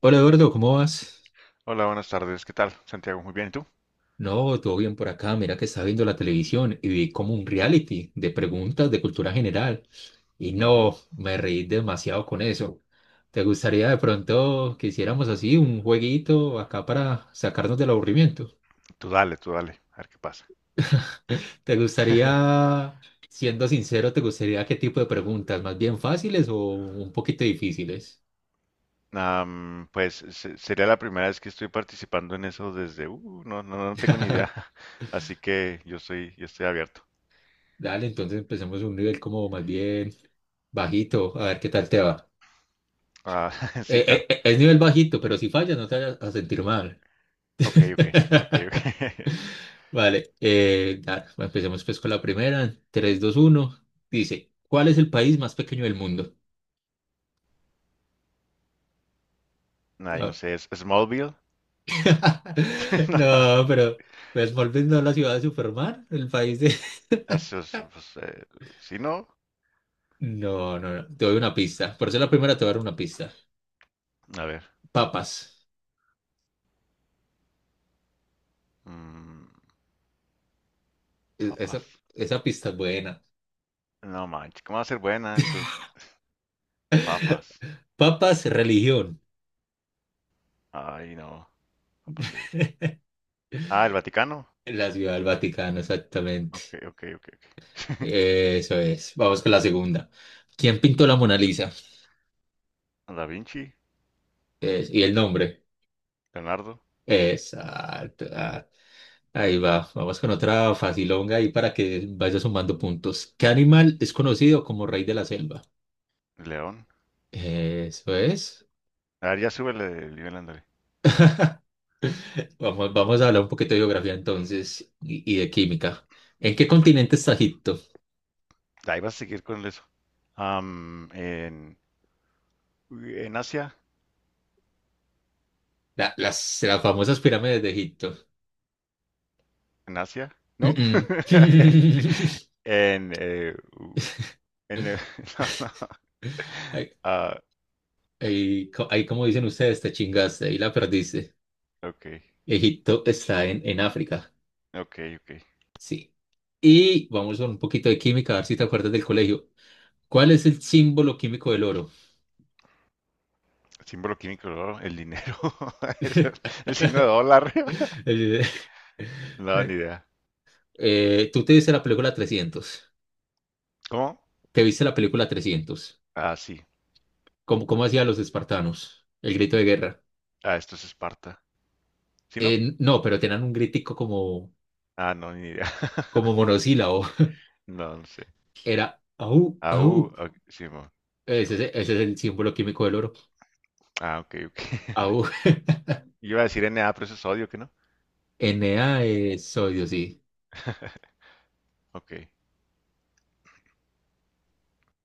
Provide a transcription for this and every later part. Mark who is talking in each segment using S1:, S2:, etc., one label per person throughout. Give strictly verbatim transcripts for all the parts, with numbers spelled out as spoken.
S1: Hola Eduardo, ¿cómo vas?
S2: Hola, buenas tardes. ¿Qué tal, Santiago? Muy bien, ¿y tú?
S1: No, todo bien por acá. Mira que estaba viendo la televisión y vi como un reality de preguntas de cultura general. Y
S2: Ujú.
S1: no, me reí demasiado con eso. ¿Te gustaría de pronto que hiciéramos así un jueguito acá para sacarnos del aburrimiento?
S2: Tú dale, tú dale, a ver qué pasa.
S1: ¿Te gustaría, siendo sincero, te gustaría qué tipo de preguntas? ¿Más bien fáciles o un poquito difíciles?
S2: Am, pues se- sería la primera vez que estoy participando en eso desde, uh, no, no, no tengo ni idea, así que yo estoy, yo estoy abierto.
S1: Dale, entonces empecemos un nivel como más bien bajito, a ver qué tal te va.
S2: Ah, sí,
S1: Eh, eh,
S2: claro.
S1: eh, es nivel bajito, pero si fallas no te vayas a sentir mal.
S2: Ok, ok, ok, ok.
S1: Vale, eh, da- empecemos pues con la primera. Tres, dos, uno. Dice, ¿cuál es el país más pequeño del mundo?
S2: Ay, no
S1: Ah.
S2: sé, ¿es Smallville? No,
S1: No, pero pues, Smallville no es la ciudad de Superman, el país de...
S2: eso es, pues, eh, ¿sí no?
S1: No, no, no, te doy una pista. Por eso la primera te voy a dar una pista.
S2: A ver,
S1: Papas.
S2: mm,
S1: E- Esa,
S2: papas.
S1: esa pista es buena.
S2: No manches, ¿cómo va a ser buena? Tú. Papas.
S1: Papas, religión.
S2: Ay, no, papas sí dije. Ah, el Vaticano.
S1: La ciudad del Vaticano, exactamente.
S2: Ok, ok, ok, ok.
S1: Eso es. Vamos con la segunda. ¿Quién pintó la Mona Lisa?
S2: Da Vinci,
S1: Es- y el nombre.
S2: Leonardo,
S1: Exacto. Ah, ahí va. Vamos con otra facilonga ahí para que vaya sumando puntos. ¿Qué animal es conocido como rey de la selva?
S2: león.
S1: Eso es.
S2: A ver, ya súbele el nivel, ándale.
S1: Vamos, vamos a hablar un poquito de geografía entonces y, y de química. ¿En qué
S2: Mm,
S1: continente está Egipto?
S2: Ahí vas a seguir con eso. Am, en, en Asia,
S1: La- las, las famosas pirámides de Egipto.
S2: en Asia, ¿no?
S1: Mm, mm.
S2: En, eh, u- en, eh, no, no.
S1: Ahí,
S2: Ah,
S1: ahí co- Ahí, como dicen ustedes, te chingaste, ahí la perdiste.
S2: ok,
S1: Egipto está en, en África,
S2: ok, ok.
S1: sí. Y vamos con un poquito de química, a ver si te acuerdas del colegio. ¿Cuál es el símbolo químico del oro?
S2: Símbolo químico del oro, el dinero. Eso, el signo de dólar. No, ni
S1: Eh,
S2: idea.
S1: eh, ¿Tú te viste la película trescientos?
S2: ¿Cómo?
S1: ¿Te viste la película trescientos?
S2: Ah, sí.
S1: ¿Cómo, cómo hacían los espartanos? El grito de guerra.
S2: Ah, esto es Esparta. ¿Sí no?
S1: Eh, no, pero tenían un gritico como,
S2: Ah, no, ni idea.
S1: como monosílabo.
S2: No, no sé.
S1: Era au,
S2: A U,
S1: au.
S2: ok, Simón,
S1: Ese, es-
S2: Simón.
S1: ese es el símbolo químico del oro.
S2: Ah, ok, ok.
S1: Au.
S2: Yo iba a decir N A, pero eso es odio, ¿que no?
S1: Na es sodio, sí.
S2: Ok,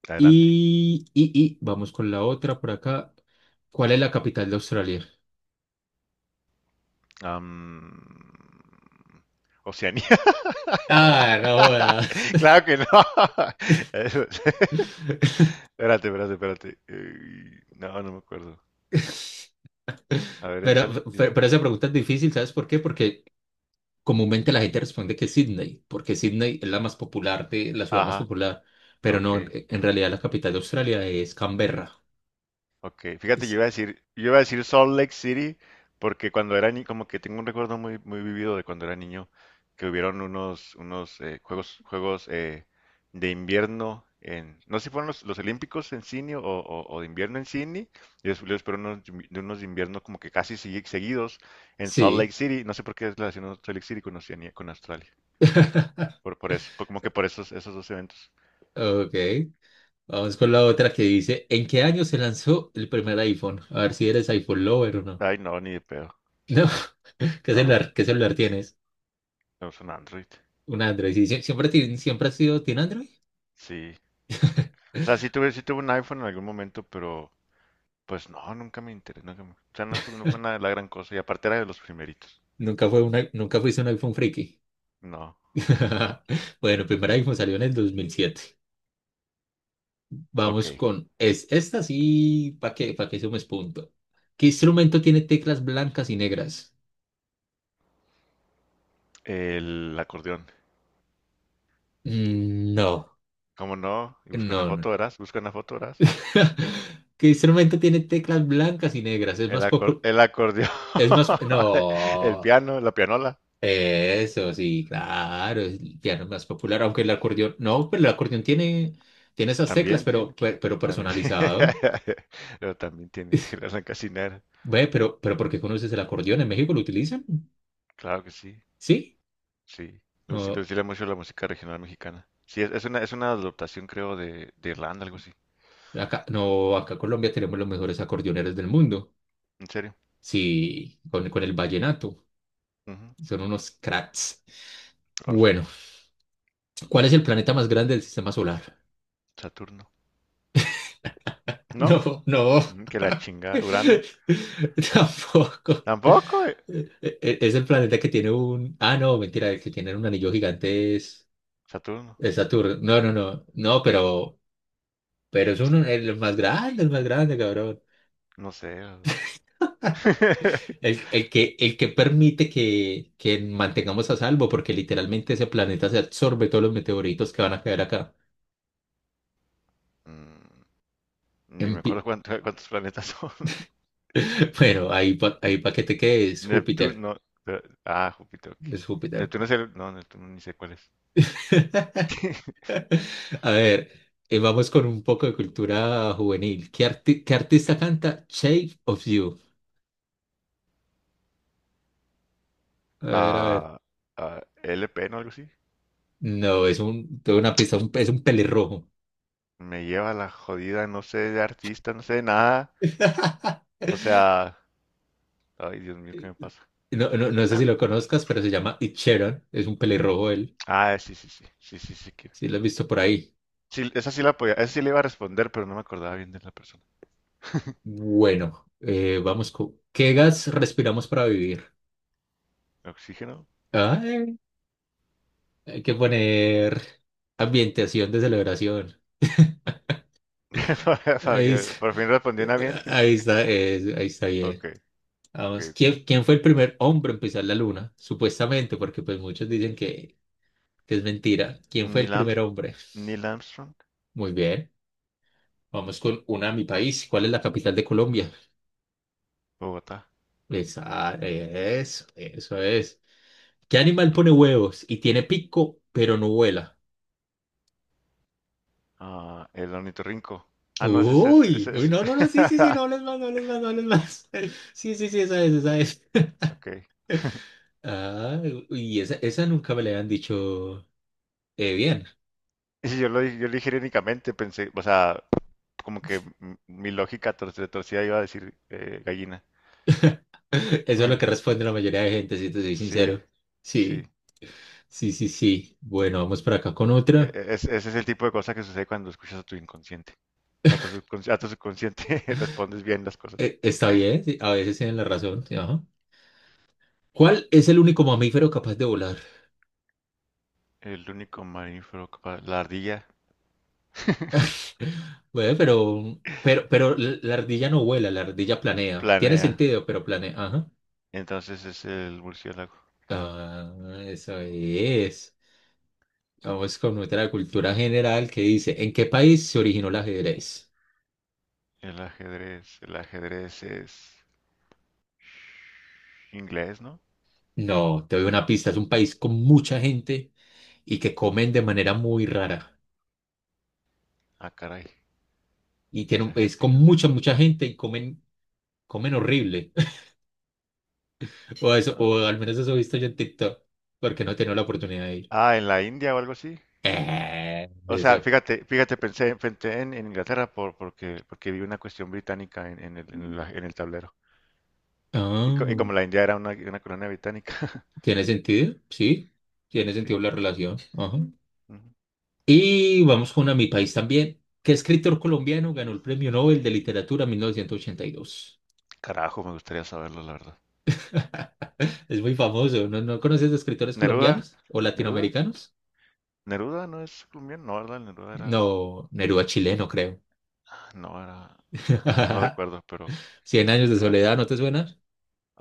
S2: adelante.
S1: Y, y, y vamos con la otra por acá. ¿Cuál es la capital de Australia?
S2: Am, Oceanía.
S1: Ah, no jodas.
S2: Claro que no. Eso es. Espérate, espérate, espérate. Eh, No, no me acuerdo. A ver,
S1: Pero,
S2: échale, dime.
S1: pero, pero esa pregunta es difícil, ¿sabes por qué? Porque comúnmente la gente responde que Sydney, porque Sydney es la más popular de la ciudad más
S2: Ajá,
S1: popular, pero
S2: ok.
S1: no, en, en realidad la capital de Australia es Canberra.
S2: Ok, fíjate, yo
S1: Es-
S2: iba a decir, yo iba a decir Salt Lake City porque cuando era niño, como que tengo un recuerdo muy, muy vivido de cuando era niño, que hubieron unos, unos eh, juegos, juegos eh, de invierno en, no sé si fueron los, los Olímpicos en Sydney o, o- o de invierno en Sydney, y después, después fueron unos de invi- de unos de invierno como que casi segui- seguidos en Salt Lake
S1: sí.
S2: City. No sé por qué relaciono Salt Lake City con Oceanía, con Australia, por, por eso, por- como que por esos, esos dos eventos.
S1: Ok. Vamos con la otra que dice, ¿en qué año se lanzó el primer iPhone? A ver si eres iPhone lover o no.
S2: Ay, no, ni de pedo.
S1: No, ¿qué
S2: No,
S1: celular, qué celular tienes?
S2: es un Android.
S1: Un Android, sí, sie- siempre, ti- siempre has sido, ¿tiene Android?
S2: Sí. O sea, sí tuve, sí tuve un iPhone en algún momento, pero pues no, nunca me interesó, nunca me, o sea, no fue, no fue nada de la gran cosa. Y aparte era de los primeritos.
S1: Nunca fue una, nunca fuiste un iPhone friki.
S2: No.
S1: Bueno, primer iPhone salió en el dos mil siete.
S2: Ok.
S1: Vamos con, es, esta sí, ¿para qué, para qué sumes punto? ¿Qué instrumento tiene teclas blancas y negras?
S2: El acordeón.
S1: Mm, no,
S2: ¿Cómo no? Y busca una
S1: no, no.
S2: foto, verás. Busca una foto, verás.
S1: ¿Qué instrumento tiene teclas blancas y negras? Es
S2: El,
S1: más
S2: acor-
S1: popu-
S2: el acordeón.
S1: es más,
S2: El
S1: No.
S2: piano, la pianola.
S1: Eso, sí, claro, es el piano más popular, aunque el acordeón, no, pero el acordeón tiene, tiene esas teclas,
S2: También
S1: pero,
S2: tiene.
S1: per- pero,
S2: También.
S1: personalizado.
S2: Pero también tiene, tiene la cancinera.
S1: Ve, pero, pero ¿por qué conoces el acordeón? ¿En México lo utilizan?
S2: Claro que sí.
S1: Sí.
S2: Sí. Le gusta- le
S1: Oh,
S2: gusta mucho la música regional mexicana. Sí, es, es una, es una adaptación, creo, de, de Irlanda, algo así.
S1: acá, no, acá en Colombia tenemos los mejores acordeoneros del mundo.
S2: ¿En serio?
S1: Sí, con, con el vallenato.
S2: Ujú.
S1: Son unos cracks.
S2: Rol,
S1: Bueno, ¿cuál es el planeta más grande del sistema solar?
S2: Saturno. ¿No?
S1: No, no.
S2: Mm, que la chinga. Urano.
S1: Tampoco.
S2: Tampoco. Eh,
S1: E- e- Es el planeta que tiene un... Ah, no, mentira, el que tiene un anillo gigante es,
S2: Saturno.
S1: es Saturno. No, no, no, no, pero, pero es uno, el más grande, el más grande, cabrón.
S2: No sé.
S1: El, el que, el que permite que, que mantengamos a salvo, porque literalmente ese planeta se absorbe todos los meteoritos que van a caer acá.
S2: Mm, ni
S1: En
S2: me acuerdo
S1: pi-
S2: cuánto- cuántos planetas son.
S1: Bueno, ahí, pa- ahí para que te quedes, Júpiter.
S2: Neptuno, pero. Ah, Júpiter. Ok.
S1: Es Júpiter.
S2: Neptuno es el. No, Neptuno ni sé cuál es.
S1: A ver, eh, vamos con un poco de cultura juvenil. ¿Qué, arti- qué artista canta Shape of You? A ver, a ver.
S2: Ah, ah, L P, ¿no? Algo así.
S1: No, es un, tengo una pista, un- es un pelirrojo.
S2: Me lleva la jodida, no sé de artista, no sé de nada. O sea. Ay, Dios mío, ¿qué me pasa?
S1: No, no, no sé si lo conozcas, pero se llama Ed Sheeran. Es un pelirrojo él.
S2: Ah, sí, sí, sí. Sí, sí, sí, que.
S1: Sí, lo has visto por ahí.
S2: Sí, esa sí la podía. Esa sí le iba a responder, pero no me acordaba bien de la persona.
S1: Bueno, eh, vamos con... ¿Qué gas respiramos para vivir?
S2: ¿Oxígeno?
S1: Ay, hay que poner ambientación de celebración.
S2: para
S1: Ahí,
S2: que
S1: es-
S2: por fin respondiera bien.
S1: Ahí está, es- ahí está bien.
S2: Ok, ok,
S1: Vamos,
S2: ok.
S1: ¿quién, quién fue el primer hombre en pisar la luna? Supuestamente, porque pues muchos dicen que, que es mentira. ¿Quién fue el
S2: Neil
S1: primer
S2: Arms-
S1: hombre?
S2: Neil Armstrong.
S1: Muy bien, vamos con una a mi país. ¿Cuál es la capital de Colombia?
S2: Bogotá.
S1: Esa, eso, eso es. ¿Qué animal pone huevos y tiene pico, pero no vuela?
S2: Ah, el ornitorrinco. Ah, no, ese es. Ese,
S1: Uy,
S2: ese,
S1: uy,
S2: ese.
S1: no, no, no, sí, sí, sí, no hables más, no hables más, no hables más. Sí, sí, sí, esa es, esa es.
S2: Ok.
S1: Ah, y esa, esa nunca me la habían dicho eh, bien.
S2: Y si yo lo, di- yo lo dije irónicamente, pensé, o sea, como que m- mi lógica tor- de torcida iba a decir eh, gallina.
S1: Eso es lo que responde la mayoría de gente, si te soy
S2: Sí,
S1: sincero.
S2: sí.
S1: Sí, sí, sí, sí. Bueno, vamos por acá con
S2: E-
S1: otra.
S2: e- es- ese es el tipo de cosa que sucede cuando escuchas a tu inconsciente. A tu subconsciente, a tu subconsciente respondes bien las cosas.
S1: Eh, está bien, sí, a veces tienen la razón. Sí, ajá. ¿Cuál es el único mamífero capaz de volar?
S2: El único mamífero capaz. La ardilla
S1: Bueno, pero, pero, pero la la ardilla no vuela, la ardilla planea. Tiene
S2: planea.
S1: sentido, pero planea. Ajá.
S2: Entonces es el murciélago.
S1: Ah, eso es. Vamos con otra cultura general que dice, ¿en qué país se originó el ajedrez?
S2: El ajedrez. El ajedrez es inglés, ¿no?
S1: No, te doy una pista. Es un país con mucha gente y que comen de manera muy rara.
S2: Ah, caray.
S1: Y tiene un
S2: Esa
S1: país
S2: gente,
S1: con
S2: que.
S1: mucha, mucha gente y comen, comen horrible. O eso, o
S2: Ah.
S1: al menos eso he visto yo en TikTok, porque no he tenido la oportunidad de ir.
S2: Ah, en la India o algo así.
S1: Eh,
S2: O sea,
S1: eso.
S2: fíjate, fíjate, pensé, en pensé en, en Inglaterra por, porque, porque vi una cuestión británica en, en el, en la- en el tablero. Y, co- y
S1: Ah,
S2: como la India era una, una colonia británica.
S1: ¿tiene sentido? Sí, tiene
S2: Sí.
S1: sentido la relación. Ajá.
S2: Ujú.
S1: Y vamos con a Mi País también. ¿Qué escritor colombiano ganó el Premio Nobel de Literatura en mil novecientos ochenta y dos?
S2: Carajo, me gustaría saberlo, la verdad.
S1: Es muy famoso. ¿No, no conoces de escritores
S2: Neruda,
S1: colombianos o
S2: Neruda,
S1: latinoamericanos?
S2: Neruda no es colombiano, no, ¿verdad? Neruda era.
S1: No, Neruda chileno, creo.
S2: No era, no, no recuerdo, pero
S1: Cien años de
S2: era.
S1: soledad, ¿no te suena?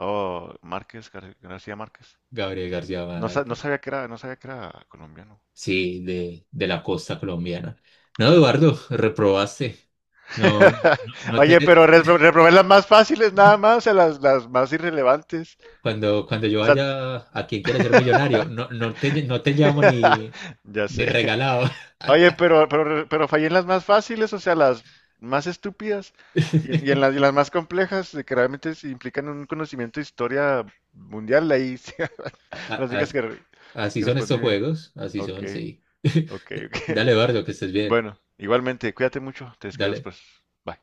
S2: Oh, Márquez, Gar- García Márquez.
S1: Gabriel García
S2: No, sa- no
S1: Márquez.
S2: sabía que era, no sabía que era colombiano.
S1: Sí, de, de la costa colombiana. No,
S2: Órale.
S1: Eduardo, reprobaste. No, no, no
S2: Oye,
S1: te...
S2: pero re- reprobé las más fáciles nada más, a las, las más irrelevantes.
S1: Cuando, cuando yo
S2: O sea,
S1: vaya a quien quiera ser millonario, no, no te, no te llamo ni,
S2: ya
S1: ni
S2: sé.
S1: regalado.
S2: Oye, pero, pero, pero fallé en las más fáciles, o sea, las más estúpidas y en, y en las, y las más complejas, de que realmente sí implican un conocimiento de historia mundial, ahí sí,
S1: A-
S2: las únicas
S1: as-
S2: que, re-
S1: Así
S2: que
S1: son estos
S2: respondí bien.
S1: juegos, así
S2: Ok.
S1: son, sí.
S2: Ok, ok.
S1: Dale, Eduardo, que estés bien.
S2: Bueno, igualmente, cuídate mucho, te escribo
S1: Dale.
S2: después. Bye.